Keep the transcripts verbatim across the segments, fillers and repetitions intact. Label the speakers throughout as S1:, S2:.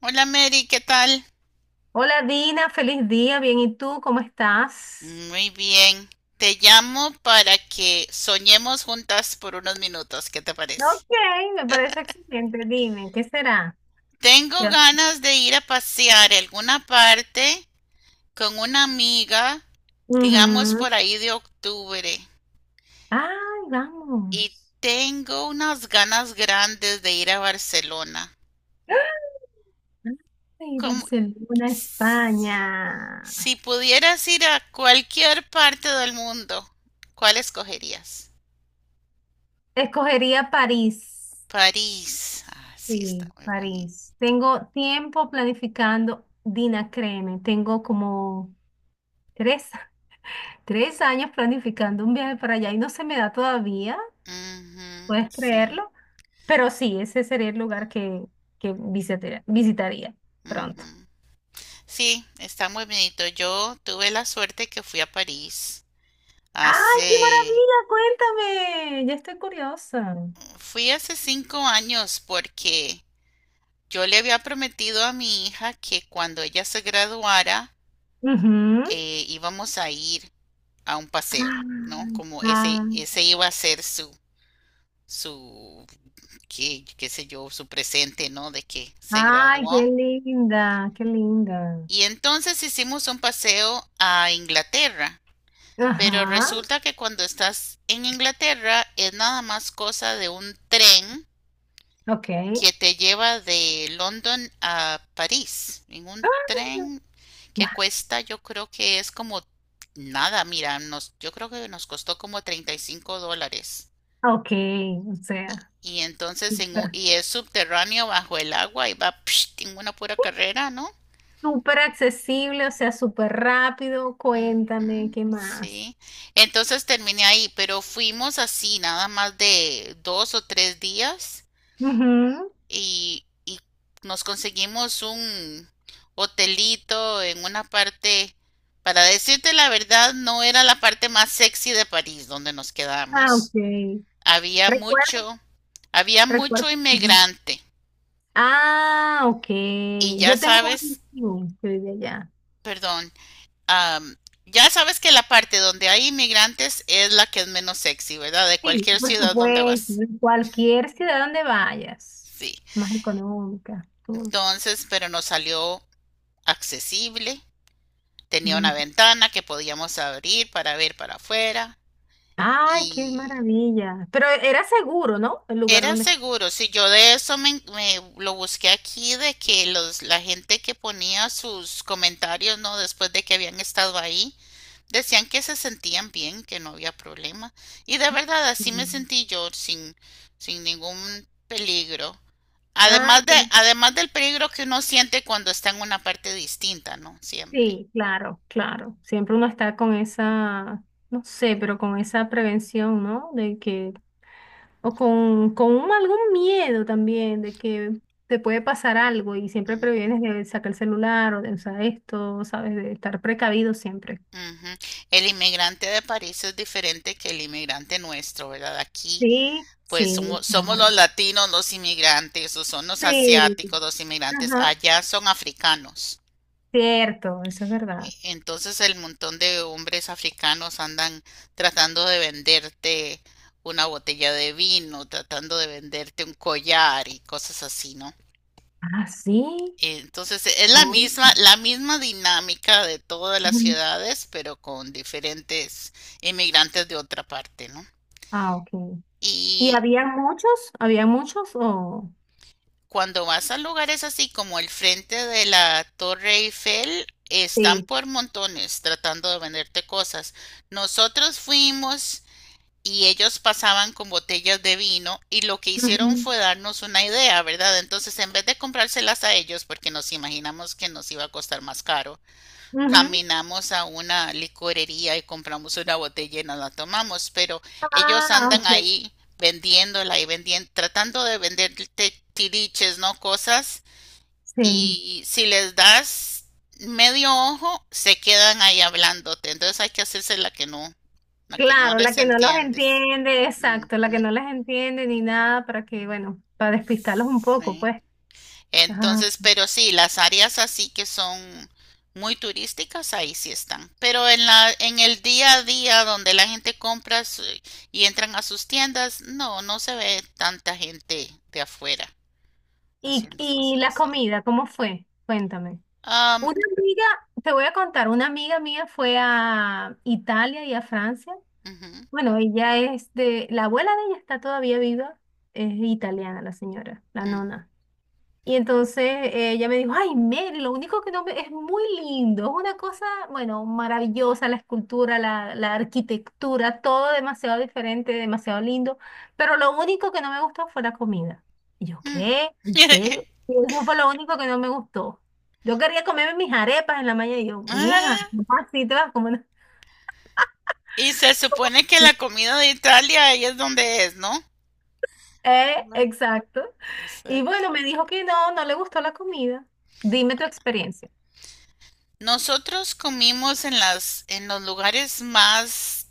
S1: Hola, Mary, ¿qué tal?
S2: Hola Dina, feliz día, bien, ¿y tú cómo estás?
S1: Muy bien. Te llamo para que soñemos juntas por unos minutos, ¿qué te parece?
S2: Ok, me parece excelente, dime, ¿qué será?
S1: Tengo
S2: ¿Qué?
S1: ganas de ir a pasear a alguna parte con una amiga, digamos
S2: Ujú.
S1: por ahí de octubre,
S2: Ay,
S1: y
S2: vamos.
S1: tengo unas ganas grandes de ir a Barcelona.
S2: Ay,
S1: Como
S2: Barcelona,
S1: si,
S2: España.
S1: si pudieras ir a cualquier parte del mundo, ¿cuál escogerías?
S2: Escogería París.
S1: París. Ah, sí, está
S2: Sí,
S1: muy bonito.
S2: París. Tengo tiempo planificando, Dina, créeme, tengo como tres, tres años planificando un viaje para allá y no se me da todavía.
S1: Ujú,
S2: ¿Puedes
S1: sí,
S2: creerlo? Pero sí, ese sería el lugar que, que visitaría, visitaría pronto.
S1: ujú. Sí, está muy bonito. Yo tuve la suerte que fui a París
S2: ¡Ay, qué
S1: hace,
S2: maravilla! Cuéntame, ya estoy curiosa.
S1: fui hace cinco años porque yo le había prometido a mi hija que cuando ella se graduara
S2: Ujú.
S1: eh, íbamos a ir a un paseo, ¿no?
S2: Ay,
S1: Como ese,
S2: ah,
S1: ese iba a ser su, su, qué, qué sé yo, su presente, ¿no? De que se
S2: ay,
S1: graduó.
S2: qué linda, qué linda.
S1: Y entonces hicimos un paseo a Inglaterra. Pero
S2: Ajá,
S1: resulta que cuando estás en Inglaterra es nada más cosa de un tren
S2: ok.
S1: que te lleva de London a París. En un
S2: Ah,
S1: tren que
S2: guau,
S1: cuesta, yo creo que es como nada, mira, nos, yo creo que nos costó como treinta y cinco dólares.
S2: ok, o
S1: Y,
S2: sea,
S1: y entonces en, un-
S2: súper,
S1: y es subterráneo bajo el agua y va psh, en una pura carrera, ¿no?
S2: súper accesible, o sea, súper rápido. Cuéntame,
S1: Ujú,
S2: ¿qué más?
S1: sí, entonces terminé ahí, pero fuimos así, nada más de dos o tres días
S2: Ujú.
S1: y, y nos conseguimos un hotelito en una parte, para decirte la verdad, no era la parte más sexy de París donde nos
S2: Ah,
S1: quedamos.
S2: ok.
S1: Había
S2: Recuerda.
S1: mucho, había mucho
S2: Recuerdo. Ajá.
S1: inmigrante
S2: Ah, ok.
S1: y ya
S2: Yo tengo un
S1: sabes,
S2: amigo que vive allá.
S1: perdón. um, ya sabes que la parte donde hay inmigrantes es la que es menos sexy, ¿verdad? De
S2: Sí,
S1: cualquier
S2: por
S1: ciudad donde
S2: supuesto.
S1: vas.
S2: En cualquier ciudad donde vayas,
S1: Sí.
S2: más económica, todo.
S1: Entonces, pero nos salió accesible. Tenía una
S2: Ay, qué,
S1: ventana que podíamos abrir para ver para afuera.
S2: ay, qué
S1: Y
S2: maravilla. Pero era seguro, ¿no? El lugar
S1: era
S2: donde estu-
S1: seguro. Si yo de eso me, me lo busqué aquí, de que los, la gente que ponía sus comentarios, ¿no? Después de que habían estado ahí, decían que se sentían bien, que no había problema. Y de verdad,
S2: Sí.
S1: así me sentí yo, sin, sin ningún peligro.
S2: Ay,
S1: Además de,
S2: qué... lindo.
S1: además del peligro que uno siente cuando está en una parte distinta, ¿no? Siempre.
S2: Sí, claro, claro. Siempre uno está con esa, no sé, pero con esa prevención, ¿no? De que o con, con un- algún miedo también de que te puede pasar algo y siempre
S1: Mm,
S2: previenes de sacar el celular o de usar esto, ¿sabes? De estar precavido siempre.
S1: ujú. El inmigrante de París es diferente que el inmigrante nuestro, ¿verdad? Aquí,
S2: Sí,
S1: pues
S2: sí,
S1: somos, somos los
S2: claro.
S1: latinos, los inmigrantes, o son los
S2: Sí,
S1: asiáticos, los inmigrantes.
S2: ajá.
S1: Allá son africanos.
S2: Cierto, eso es
S1: E-
S2: verdad.
S1: entonces el montón de hombres africanos andan tratando de venderte una botella de vino, tratando de venderte un collar y cosas así, ¿no?
S2: Ah, sí.
S1: Eh, Entonces es la
S2: Uy.
S1: misma, la misma dinámica de todas las
S2: Ujú.
S1: ciudades, pero con diferentes inmigrantes de otra parte, ¿no?
S2: Ah, ok. ¿Y
S1: Y
S2: había muchos? ¿Había muchos o...?
S1: cuando vas a lugares así como el frente de la Torre Eiffel, están
S2: Sí.
S1: por montones tratando de venderte cosas. Nosotros fuimos y ellos pasaban con botellas de vino y lo que hicieron
S2: Ujú,
S1: fue darnos una idea, ¿verdad? Entonces, en vez de comprárselas a ellos, porque nos imaginamos que nos iba a costar más caro,
S2: ujú.
S1: caminamos a una licorería y compramos una botella y nos la tomamos, pero ellos
S2: Ah,
S1: andan
S2: ok.
S1: ahí vendiéndola y vendiendo, tratando de venderte tiriches, ¿no? Cosas,
S2: Sí.
S1: y si les das medio ojo, se quedan ahí hablándote. Entonces hay que hacerse la que no, la que no
S2: Claro, la
S1: les
S2: que no los
S1: entiendes.
S2: entiende, exacto, la que
S1: Ujú,
S2: no les entiende ni nada para que, bueno, para despistarlos un poco,
S1: sí.
S2: pues. Ajá.
S1: Entonces, pero sí, las áreas así que son muy turísticas, ahí sí están. Pero en la, en el día a día donde la gente compra su- y entran a sus tiendas, no, no se ve tanta gente de afuera
S2: Y,
S1: haciendo
S2: y
S1: cosas
S2: la
S1: así.
S2: comida, ¿cómo fue? Cuéntame.
S1: Am,
S2: Una amiga, te voy a contar, una amiga mía fue a Italia y a Francia.
S1: ujú,
S2: Bueno, ella es de, la abuela de ella está todavía viva, es italiana la señora, la
S1: mm,
S2: nona. Y entonces eh, ella me dijo, ay, Mary, lo único que no me... Es muy lindo, es una cosa, bueno, maravillosa, la escultura, la, la arquitectura, todo demasiado diferente, demasiado lindo, pero lo único que no me gustó fue la comida. Y yo,
S1: mm.
S2: ¿qué? ¿En serio? Y eso fue lo único que no me gustó. Yo quería comerme mis arepas en la mañana y yo, mija,
S1: Ah,
S2: ¿cómo así te vas a comer?
S1: y se supone que
S2: una-?"
S1: la comida de Italia ahí es donde es, ¿no?
S2: Eh,
S1: Ma-
S2: exacto. Y
S1: exacto.
S2: bueno, me dijo que no, no le gustó la comida. Dime tu experiencia.
S1: Nosotros comimos en las, en los lugares más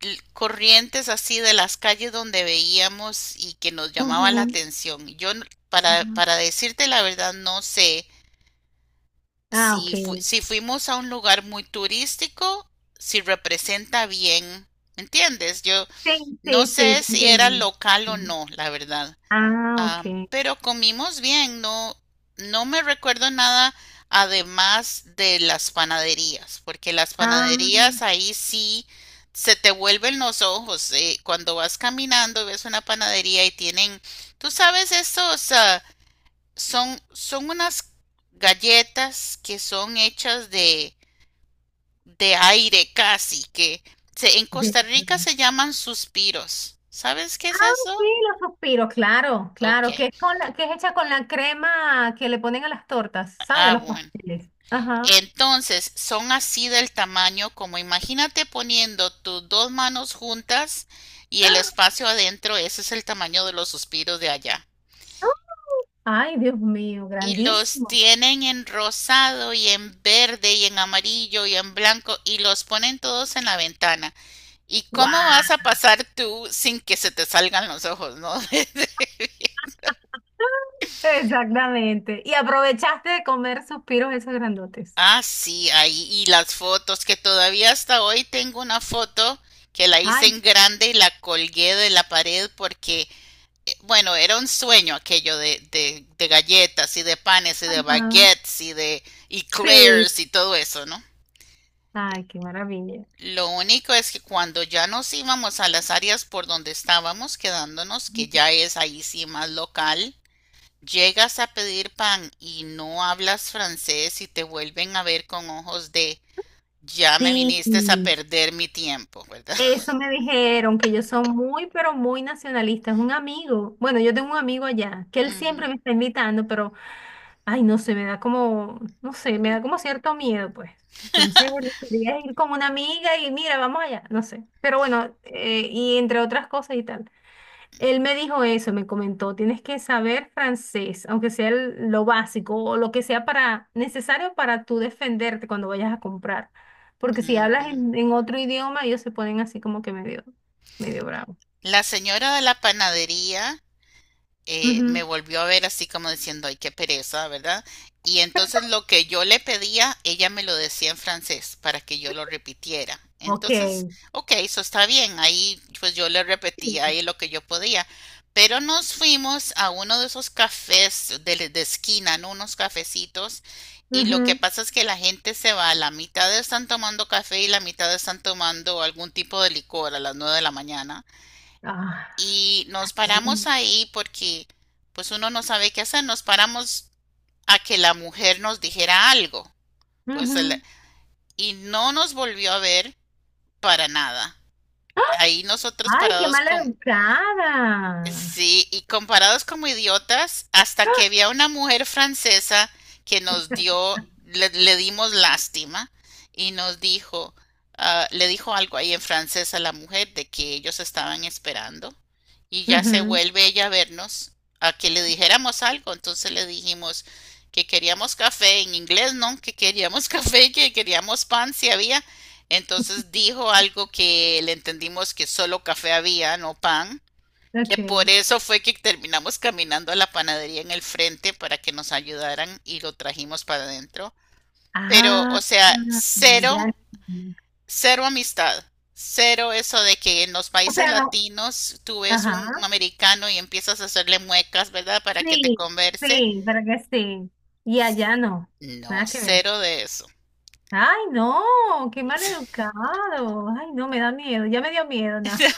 S1: l- corrientes así de las calles donde veíamos y que nos llamaba la
S2: Ujú.
S1: atención. Yo, n- para,
S2: Ujú.
S1: para decirte la verdad, no sé
S2: Ah, ok.
S1: si, fu- si fuimos a un lugar muy turístico, si representa bien, ¿me entiendes? Yo
S2: Sí,
S1: no
S2: sí, sí,
S1: sé
S2: te
S1: si era
S2: entiendo.
S1: local o
S2: Sí.
S1: no, la verdad.
S2: Ah, ok.
S1: Ah, pero comimos bien, no, no me recuerdo nada además de las panaderías, porque las
S2: Ah,
S1: panaderías ahí sí se te vuelven los ojos. Eh, cuando vas caminando y ves una panadería y tienen, tú sabes, estos ah, son, son unas galletas que son hechas de, de aire casi, que se- en
S2: de
S1: Costa Rica
S2: verdad.
S1: se llaman suspiros. ¿Sabes qué es
S2: Sí,
S1: eso?
S2: los suspiros, claro,
S1: Ok.
S2: claro, que es con la, que es hecha con la crema que le ponen a las tortas, ¿sabes?
S1: Ah,
S2: Los
S1: bueno.
S2: pasteles. Ajá.
S1: Entonces, son así del tamaño como imagínate poniendo tus dos manos juntas y el espacio adentro, ese es el tamaño de los suspiros de allá.
S2: ¡Ah! Ay, Dios mío,
S1: Y los
S2: grandísimo.
S1: tienen en rosado y en verde y en amarillo y en blanco y los ponen todos en la ventana. ¿Y cómo vas
S2: ¡Wow!
S1: a pasar tú sin que se te salgan los ojos, no?
S2: Exactamente. Y aprovechaste de comer suspiros esos grandotes.
S1: Ah, sí, ahí. Y las fotos, que todavía hasta hoy tengo una foto que la hice
S2: Ay,
S1: en grande y la colgué de la pared porque, eh, bueno, era un sueño aquello de, de, de galletas y de panes y de
S2: ajá.
S1: baguettes y de
S2: Sí.
S1: eclairs y todo eso, ¿no?
S2: Ay, qué maravilla.
S1: Lo único es que cuando ya nos íbamos a las áreas por donde estábamos quedándonos, que ya es ahí sí más local, llegas a pedir pan y no hablas francés y te vuelven a ver con ojos de ya me
S2: Sí.
S1: viniste a perder mi tiempo, ¿verdad?
S2: Eso me dijeron, que yo soy muy, pero muy nacionalista. Es un amigo. Bueno, yo tengo un amigo allá, que él siempre
S1: Ujú,
S2: me está invitando, pero, ay, no sé, me da como, no sé, me da como cierto miedo, pues. Entonces, quería ir con una amiga y mira, vamos allá, no sé. Pero bueno, eh, y entre otras cosas y tal. Él me dijo eso, me comentó, tienes que saber francés, aunque sea el- lo básico o lo que sea para necesario para tú defenderte cuando vayas a comprar. Porque si
S1: ujú.
S2: hablas en, en otro idioma, ellos se ponen así como que medio, medio bravo.
S1: La señora de la panadería eh, me
S2: Ujú,
S1: volvió a ver así como diciendo, ay, qué pereza, ¿verdad? Y entonces lo que yo le pedía, ella me lo decía en francés para que yo lo repitiera.
S2: ok,
S1: Entonces, ok, eso está bien. Ahí pues yo le repetía ahí lo que yo podía. Pero nos fuimos a uno de esos cafés de, de esquina, ¿no? Unos cafecitos. Y lo que
S2: ujú,
S1: pasa es que la gente se va, la mitad están tomando café y la mitad están tomando algún tipo de licor a las nueve de la mañana
S2: ah,
S1: y nos paramos ahí porque pues uno no sabe qué hacer, nos paramos a que la mujer nos dijera algo, pues el-
S2: ujú.
S1: y no nos volvió a ver para nada. Ahí nosotros
S2: Ay, qué
S1: parados
S2: mal
S1: con,
S2: educada.
S1: sí, y comparados como idiotas, hasta que había una mujer francesa que nos dio, le, le dimos lástima y nos dijo, ah, le dijo algo ahí en francés a la mujer de que ellos estaban esperando y ya se
S2: Ujú,
S1: vuelve ella a vernos a que le dijéramos algo. Entonces le dijimos que queríamos café en inglés, ¿no? Que queríamos café, que queríamos pan si había. Entonces dijo algo que le entendimos que solo café había, no pan. Que por
S2: ok.
S1: eso fue que terminamos caminando a la panadería en el frente para que nos ayudaran y lo trajimos para adentro. Pero,
S2: Ah,
S1: o sea, cero,
S2: ya.
S1: cero amistad. Cero eso de que en los
S2: O
S1: países
S2: sea, no.
S1: latinos tú ves un, un
S2: Ajá.
S1: americano y empiezas a hacerle muecas, ¿verdad? Para que te
S2: Sí,
S1: converse.
S2: sí, pero que sí. Y allá no,
S1: No,
S2: nada que ver.
S1: cero de eso.
S2: Ay, no, qué mal educado. Ay, no, me da miedo, ya me dio miedo, no.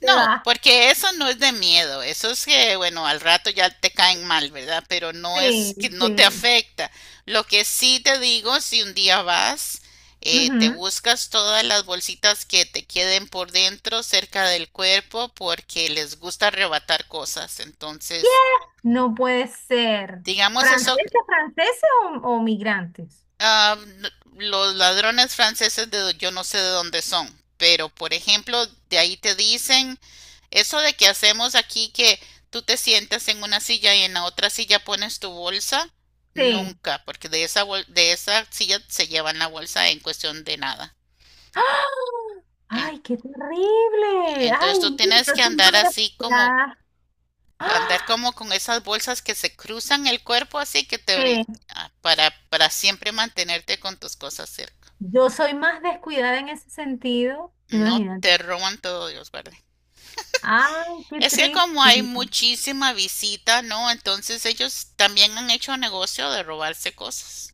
S2: ¿Qué va?
S1: porque eso no es de miedo, eso es que, bueno, al rato ya te caen mal, ¿verdad? Pero no
S2: Sí,
S1: es que no te
S2: sí.
S1: afecta. Lo que sí te digo, si un día vas, eh, te
S2: Ujú.
S1: buscas todas las bolsitas que te queden por dentro, cerca del cuerpo, porque les gusta arrebatar cosas.
S2: ¿Qué?
S1: Entonces,
S2: No puede ser.
S1: digamos eso.
S2: ¿Franceses, franceses o, o migrantes?
S1: Ah, los ladrones franceses de yo no sé de dónde son, pero por ejemplo, de ahí te dicen eso de que hacemos aquí que tú te sientas en una silla y en la otra silla pones tu bolsa,
S2: Sí.
S1: nunca, porque de esa bol- de esa silla se llevan la bolsa en cuestión de nada.
S2: ¡Ah!
S1: En-
S2: Ay, qué terrible.
S1: entonces
S2: Ay,
S1: tú
S2: mira,
S1: tienes
S2: yo
S1: que
S2: soy
S1: andar
S2: más
S1: así como
S2: descuidada.
S1: andar
S2: ¡Ah!
S1: como con esas bolsas que se cruzan el cuerpo así que te brin-
S2: Sí.
S1: ah, para para siempre mantenerte con tus cosas cerca.
S2: Yo soy más descuidada en ese sentido.
S1: No
S2: Imagínate.
S1: te roban todo, Dios guarde.
S2: Ay, qué
S1: Es que
S2: triste.
S1: como hay muchísima visita, ¿no? Entonces ellos también han hecho negocio de robarse cosas.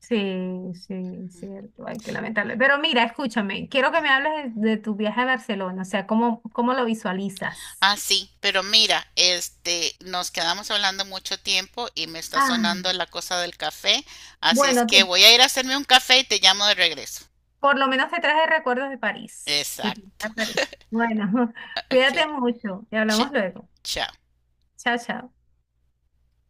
S2: Sí, sí, cierto. Ay, qué lamentable. Pero mira, escúchame, quiero que me hables de, de tu viaje a Barcelona, o sea, ¿cómo, cómo lo visualizas?
S1: Ah, sí, pero mira, este, nos quedamos hablando mucho tiempo y me está
S2: Ah,
S1: sonando la cosa del café, así es
S2: bueno,
S1: que
S2: te-
S1: voy a ir a hacerme un café y te llamo de regreso.
S2: por lo menos te traje recuerdos de París, de tu viaje
S1: Exacto.
S2: a París. Bueno,
S1: Ok,
S2: cuídate mucho y
S1: ch-
S2: hablamos luego.
S1: chao.
S2: Chao, chao.